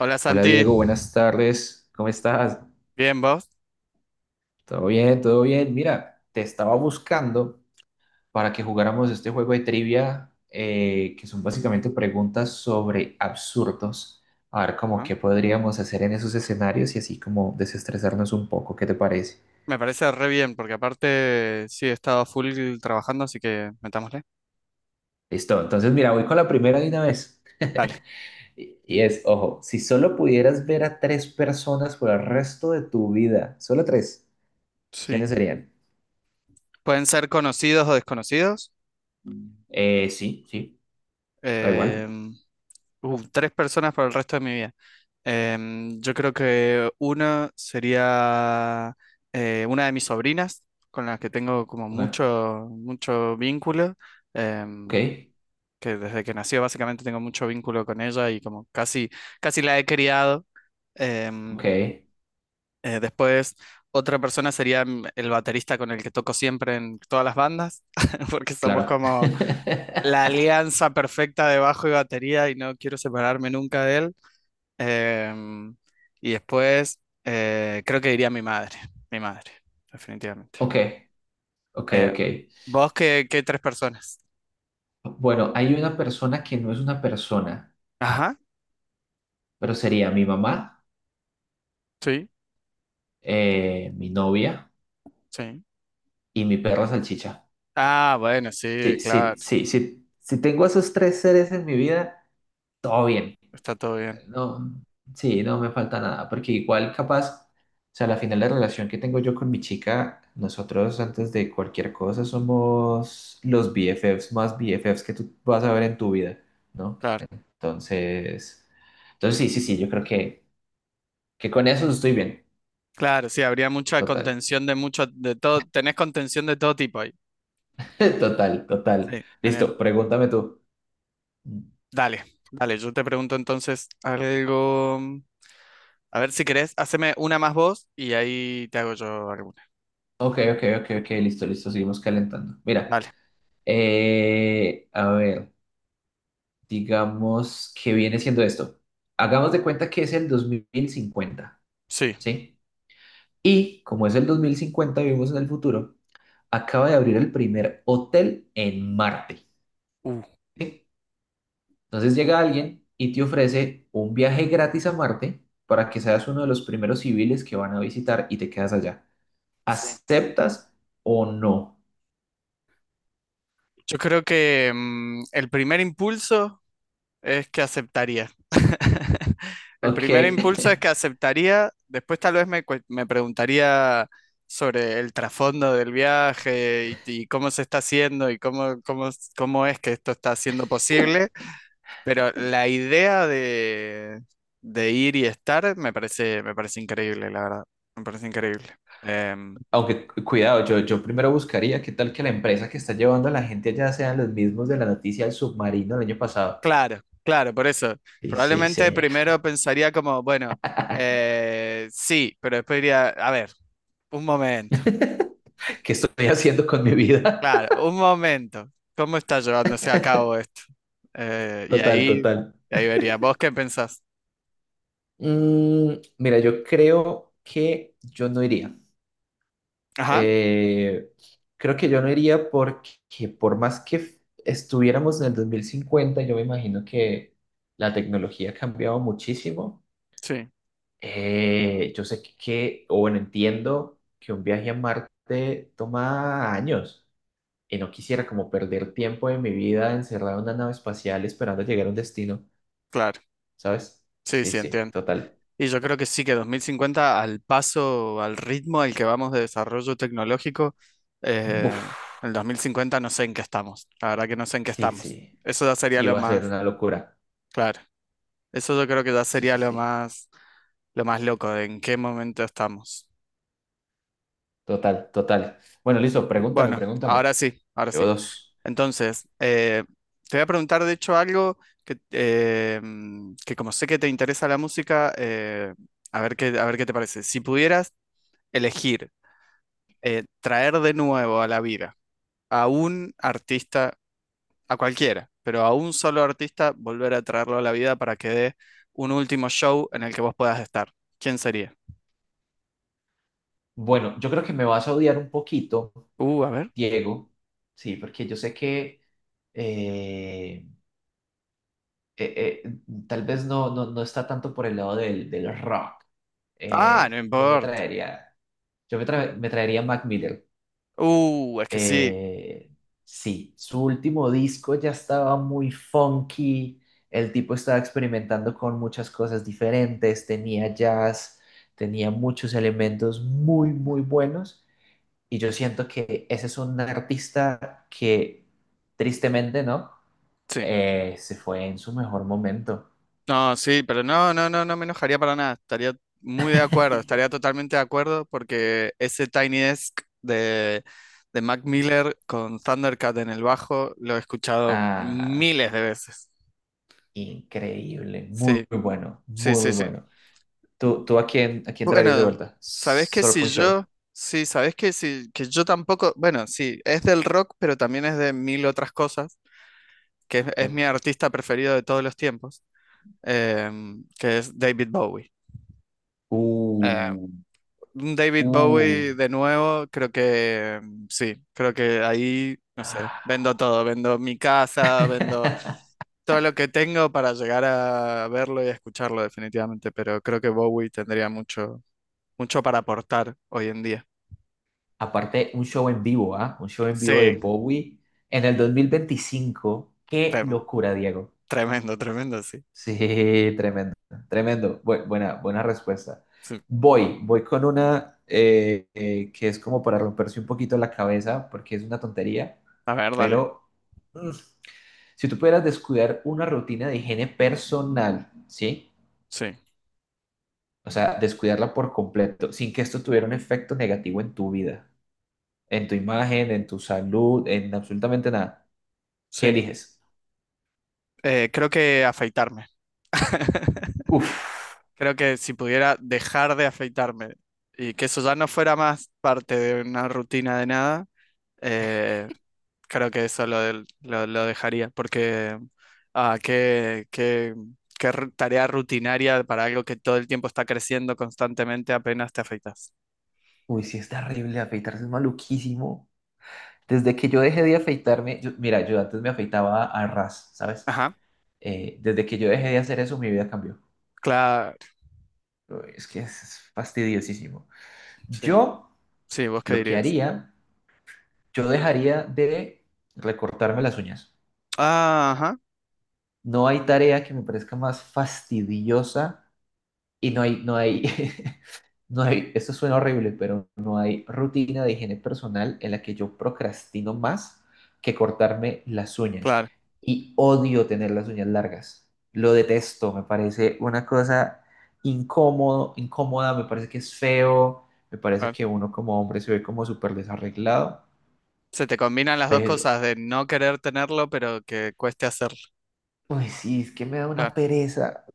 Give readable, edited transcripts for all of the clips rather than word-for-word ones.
Hola Hola Santi, Diego, buenas tardes. ¿Cómo estás? bien vos. ¿Todo bien? ¿Todo bien? Mira, te estaba buscando para que jugáramos este juego de trivia, que son básicamente preguntas sobre absurdos. A ver, como Ajá. qué podríamos hacer en esos escenarios y así como desestresarnos un poco. ¿Qué te parece? Me parece re bien porque aparte sí he estado full trabajando, así que metámosle. Listo. Entonces, mira, voy con la primera de una vez. Dale. Y es, ojo, si solo pudieras ver a tres personas por el resto de tu vida, solo tres, Sí. ¿quiénes serían? Pueden ser conocidos o desconocidos. Sí, sí, da igual. Em, Tres personas para el resto de mi vida. Yo creo que uno sería una de mis sobrinas, con las que tengo como Ok. mucho, mucho vínculo. Ok, em, que desde que nació básicamente tengo mucho vínculo con ella y como casi, casi la he criado. Em, ok, Después, otra persona sería el baterista con el que toco siempre en todas las bandas, porque somos claro. como la alianza perfecta de bajo y batería y no quiero separarme nunca de él. Em, y después, creo que diría mi madre, definitivamente. Ok, ok, Eh, ok. ¿Vos qué tres personas? Bueno, hay una persona que no es una persona, Ajá, pero sería mi mamá, sí, mi novia sí. y mi perra salchicha. Ah, bueno, sí, Sí, sí, claro, sí, sí. Si tengo esos tres seres en mi vida, todo bien. está todo bien, No, sí, no me falta nada, porque igual capaz, o sea, la final de relación que tengo yo con mi chica, nosotros antes de cualquier cosa somos los BFFs más BFFs que tú vas a ver en tu vida, ¿no? claro. Entonces, entonces sí, sí, sí, yo creo que con eso estoy bien. Claro, sí, habría mucha Total, contención de mucho, de todo, tenés contención de todo tipo ahí. total, total. Sí, genial. Listo, pregúntame tú. Dale, dale, yo te pregunto entonces algo. A ver si querés, haceme una más vos y ahí te hago yo alguna. Ok, ok, ok, ok, listo, listo, seguimos calentando. Mira, Dale, a ver, digamos que viene siendo esto. Hagamos de cuenta que es el 2050, sí. ¿sí? Y como es el 2050, vivimos en el futuro, acaba de abrir el primer hotel en Marte. Uh, ¿Sí? Entonces llega alguien y te ofrece un viaje gratis a Marte para que seas uno de los primeros civiles que van a visitar y te quedas allá. sí. ¿Aceptas o no? Yo creo que el primer impulso es que aceptaría. El Ok. primer impulso es que aceptaría, después tal vez me preguntaría sobre el trasfondo del viaje y cómo se está haciendo y cómo, cómo es que esto está siendo posible. Pero la idea de ir y estar me parece increíble, la verdad. Me parece increíble. Em, Aunque cuidado, yo primero buscaría qué tal que la empresa que está llevando a la gente allá sean los mismos de la noticia del submarino el año pasado. claro, claro, por eso. Sí, sí, Probablemente sí. primero pensaría como, bueno, sí, pero después diría, a ver, un momento, ¿Qué estoy haciendo con mi vida? claro, un momento. ¿Cómo está llevándose a cabo esto? Eh, y Total, ahí, total. y ahí vería, ¿vos qué pensás? Mm, mira, yo creo que yo no iría. Ajá, Eh, creo que yo no iría porque por más que estuviéramos en el 2050 yo me imagino que la tecnología ha cambiado muchísimo. sí, Yo sé que, o bueno, entiendo que un viaje a Marte toma años y no quisiera como perder tiempo de mi vida encerrado en una nave espacial esperando llegar a un destino, claro. ¿sabes? Sí, Sí, sí, sí, entiendo. total. Y yo creo que sí, que 2050, al paso, al ritmo al que vamos de desarrollo tecnológico, eh, Buf, el 2050 no sé en qué estamos. La verdad que no sé en qué sí, estamos. sí. Eso ya sería Sí, lo va a ser más, una locura. claro. Eso yo creo que ya Sí, sería sí, sí. Lo más loco de en qué momento estamos. Total, total. Bueno, listo, pregúntame, Bueno, ahora pregúntame. sí, ahora Llevo sí. dos. Entonces, te voy a preguntar de hecho algo que como sé que te interesa la música, a ver qué te parece. Si pudieras elegir traer de nuevo a la vida a un artista, a cualquiera, pero a un solo artista, volver a traerlo a la vida para que dé un último show en el que vos puedas estar. ¿Quién sería? Bueno, yo creo que me vas a odiar un poquito, A ver. Diego. Sí, porque yo sé que eh, eh, eh, tal vez no, no, no está tanto por el lado del, del rock. Ah, no Yo me importa. traería, me traería Mac Miller. Es que sí, Eh, sí, su último disco ya estaba muy funky, el tipo estaba experimentando con muchas cosas diferentes, tenía jazz, tenía muchos elementos muy, muy buenos, y yo siento que ese es un artista que tristemente, ¿no? sí. Se fue en su mejor momento. No, sí, pero no, no, no, no me enojaría para nada. Estaría muy de acuerdo, estaría totalmente de acuerdo porque ese Tiny Desk de, de Mac Miller con Thundercat en el bajo lo he escuchado Ah, miles de veces. increíble, muy, Sí, muy bueno, sí, muy, muy sí, sí. bueno. Tú a quién traerías de Bueno, vuelta? sabes que Solo por si un show. yo, sí, sabes que si, que yo tampoco, bueno, sí, es del rock, pero también es de mil otras cosas, que es, ¿Ok? es mi artista preferido de todos los tiempos, que es David Bowie. Eh, Uh, un David uh. Bowie de nuevo, creo que sí, creo que ahí, no sé, Ah. vendo todo, vendo mi casa, vendo todo lo que tengo para llegar a verlo y a escucharlo definitivamente, pero creo que Bowie tendría mucho, mucho para aportar hoy en día. Aparte, un show en vivo, ¿ah? Un show en Sí, vivo de Bowie en el 2025. ¡Qué re- locura, Diego! tremendo, tremendo, sí. Sí, tremendo, tremendo. Buena, buena respuesta. Sí. Voy con una que es como para romperse un poquito la cabeza, porque es una tontería, A ver, dale. pero mm, si tú pudieras descuidar una rutina de higiene personal, ¿sí? Sí, O sea, descuidarla por completo, sin que esto tuviera un efecto negativo en tu vida, en tu imagen, en tu salud, en absolutamente nada. ¿Qué sí. eliges? Creo que afeitarme. Uf, Creo que si pudiera dejar de afeitarme y que eso ya no fuera más parte de una rutina de nada, eh, creo que eso lo dejaría, porque ah, qué, qué- tarea rutinaria para algo que todo el tiempo está creciendo constantemente apenas te afeitas. uy, sí es terrible, afeitarse es maluquísimo. Desde que yo dejé de afeitarme, yo- mira, yo antes me afeitaba a ras, ¿sabes? Ajá, Desde que yo dejé de hacer eso, mi vida cambió. claro, Uy, es que es fastidiosísimo. sí, Yo sí, ¿vos qué lo que dirías? haría, yo dejaría de recortarme las uñas. Ah, ajá, No hay tarea que me parezca más fastidiosa. Y no hay, no hay, esto suena horrible, pero no hay rutina de higiene personal en la que yo procrastino más que cortarme las uñas. claro. Y odio tener las uñas largas. Lo detesto, me parece una cosa incómoda, me parece que es feo, me parece Claro. que uno como hombre se ve como súper desarreglado, Se te combinan las dos pero, cosas de no querer tenerlo, pero que cueste hacerlo. pues sí, es que me da una Claro, pereza.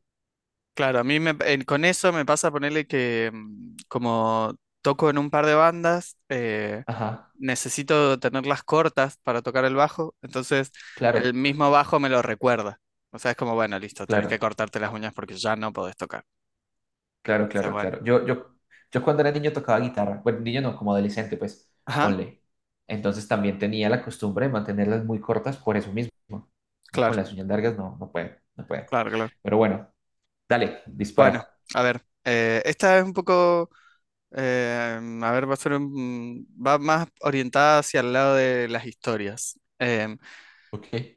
claro, a mí con eso me pasa ponerle que como toco en un par de bandas, Ajá, necesito tenerlas cortas para tocar el bajo, entonces claro, el mismo bajo me lo recuerda. O sea, es como, bueno, listo, tenés que claro. cortarte las uñas porque ya no podés tocar. Claro, Entonces, claro, bueno. claro. Yo cuando era niño tocaba guitarra. Bueno, niño no, como adolescente, pues, Ajá, ponle. Entonces también tenía la costumbre de mantenerlas muy cortas por eso mismo. No, con claro, las uñas largas no, no puedo, no puedo. claro, claro. Pero bueno, dale, Bueno, dispara. a ver, esta es un poco. A ver, va a ser un- va más orientada hacia el lado de las historias. Ok.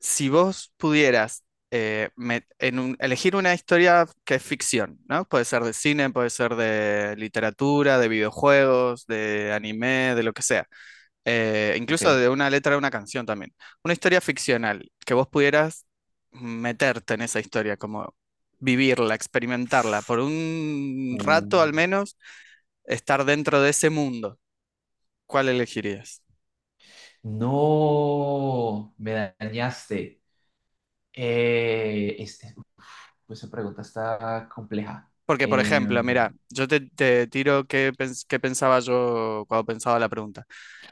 Si vos pudieras elegir una historia que es ficción, ¿no? Puede ser de cine, puede ser de literatura, de videojuegos, de anime, de lo que sea. Incluso de Ok. una letra de una canción también. Una historia ficcional, que vos pudieras meterte en esa historia, como vivirla, experimentarla, por un Uh, rato al menos, estar dentro de ese mundo. ¿Cuál elegirías? no, me dañaste. Eh, este, pues esa pregunta está compleja. Porque, por ejemplo, mira, Em, yo te tiro qué pensaba yo cuando pensaba la pregunta.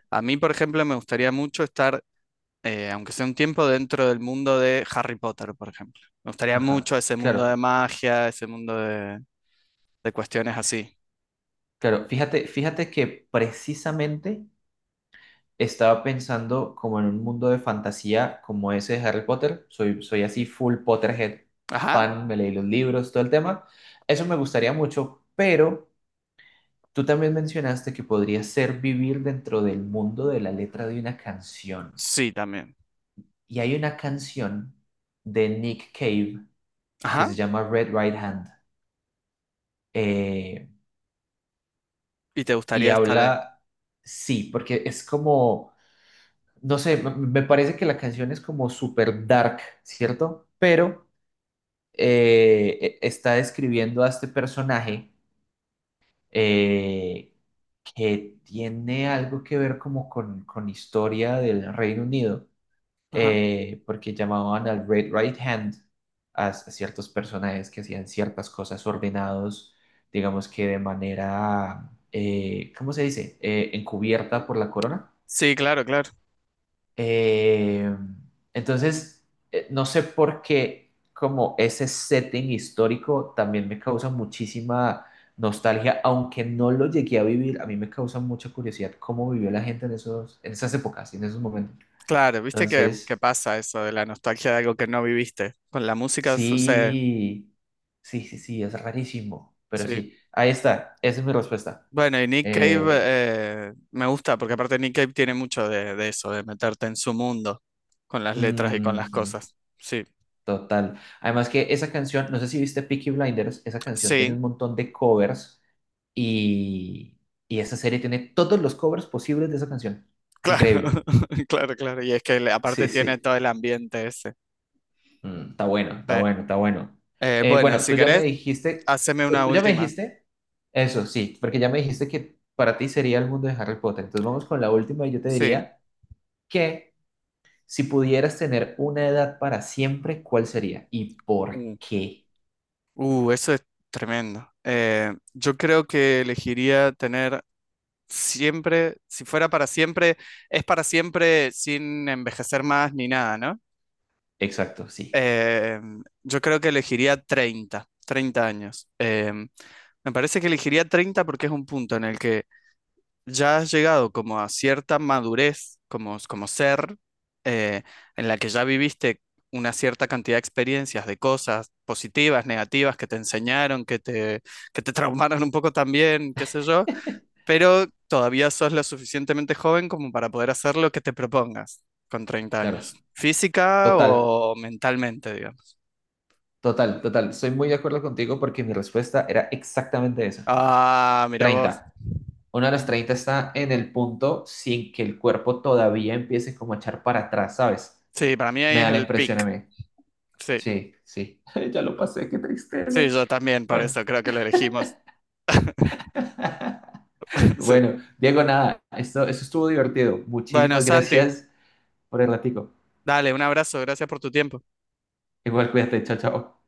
A mí, por ejemplo, me gustaría mucho estar, aunque sea un tiempo, dentro del mundo de Harry Potter, por ejemplo. Me gustaría ajá, mucho ese mundo claro, de magia, ese mundo de cuestiones así. claro. Fíjate, fíjate que precisamente estaba pensando como en un mundo de fantasía como ese de Harry Potter. Soy, soy así full Potterhead Ajá, fan, me leí los libros, todo el tema. Eso me gustaría mucho, pero tú también mencionaste que podría ser vivir dentro del mundo de la letra de una canción. sí, también. Y hay una canción de Nick Cave que se Ajá, llama Red Right Hand. eh, y te y gustaría estar ahí. habla, sí, porque es como, no sé, me parece que la canción es como super dark, ¿cierto? Pero está describiendo a este personaje eh, que tiene algo que ver como con historia del Reino Unido, Ajá. Porque llamaban al Red Right Hand a, ciertos personajes que hacían ciertas cosas ordenados, digamos que de manera, ¿cómo se dice? Encubierta por la corona. Sí, claro, claro. Eh, entonces, no sé por qué como ese setting histórico también me causa muchísima nostalgia, aunque no lo llegué a vivir, a mí me causa mucha curiosidad cómo vivió la gente en esos, en esas épocas y en esos momentos. Claro, viste que Entonces, pasa eso de la nostalgia de algo que no viviste. Con la música sucede. sí, sí, sí, sí, es rarísimo, pero Sí. sí, ahí está, esa es mi respuesta. Bueno, y Nick Cave Eh, me gusta porque aparte Nick Cave tiene mucho de eso, de meterte en su mundo con las letras y con las cosas. Sí, Total. Además que esa canción, no sé si viste Peaky Blinders, esa canción tiene sí, un montón de covers y, y esa serie tiene todos los covers posibles de esa canción. claro, Increíble. claro, claro. Y es que Sí, aparte tiene sí. todo el ambiente ese. Mm, está bueno, Sí. está bueno, está bueno. Bueno, Bueno, si tú ya me querés, dijiste, haceme una tú ya me última. dijiste, eso sí, porque ya me dijiste que para ti sería el mundo de Harry Potter. Entonces vamos con la última y yo te Sí. diría que si pudieras tener una edad para siempre, ¿cuál sería? ¿Y por Mm. qué? Eso es tremendo. Yo creo que elegiría tener siempre, si fuera para siempre, es para siempre sin envejecer más ni nada, ¿no? Exacto, sí, Eh, yo creo que elegiría 30 años. Me parece que elegiría 30 porque es un punto en el que ya has llegado como a cierta madurez como, ser, eh, en la que ya viviste una cierta cantidad de experiencias, de cosas positivas, negativas, que te enseñaron, que te traumaron un poco también, qué sé yo, pero todavía sos lo suficientemente joven como para poder hacer lo que te propongas con treinta claro. años, física Total. o mentalmente. Total, total. Estoy muy de acuerdo contigo porque mi respuesta era exactamente esa. Ah, mira vos. 30. Una de las 30 está en el punto sin que el cuerpo todavía empiece como a echar para atrás, ¿sabes? Sí, para mí Me ahí es da la el impresión a pick. mí. Sí, Sí, sí. Ya lo pasé, qué sí, tristeza. yo también, por Bueno. eso creo que lo elegimos. Sí. Bueno, Diego, nada, esto estuvo divertido. Bueno, Muchísimas Santi, gracias por el ratico. dale, un abrazo, gracias por tu tiempo. Igual cuídate, chao, chao.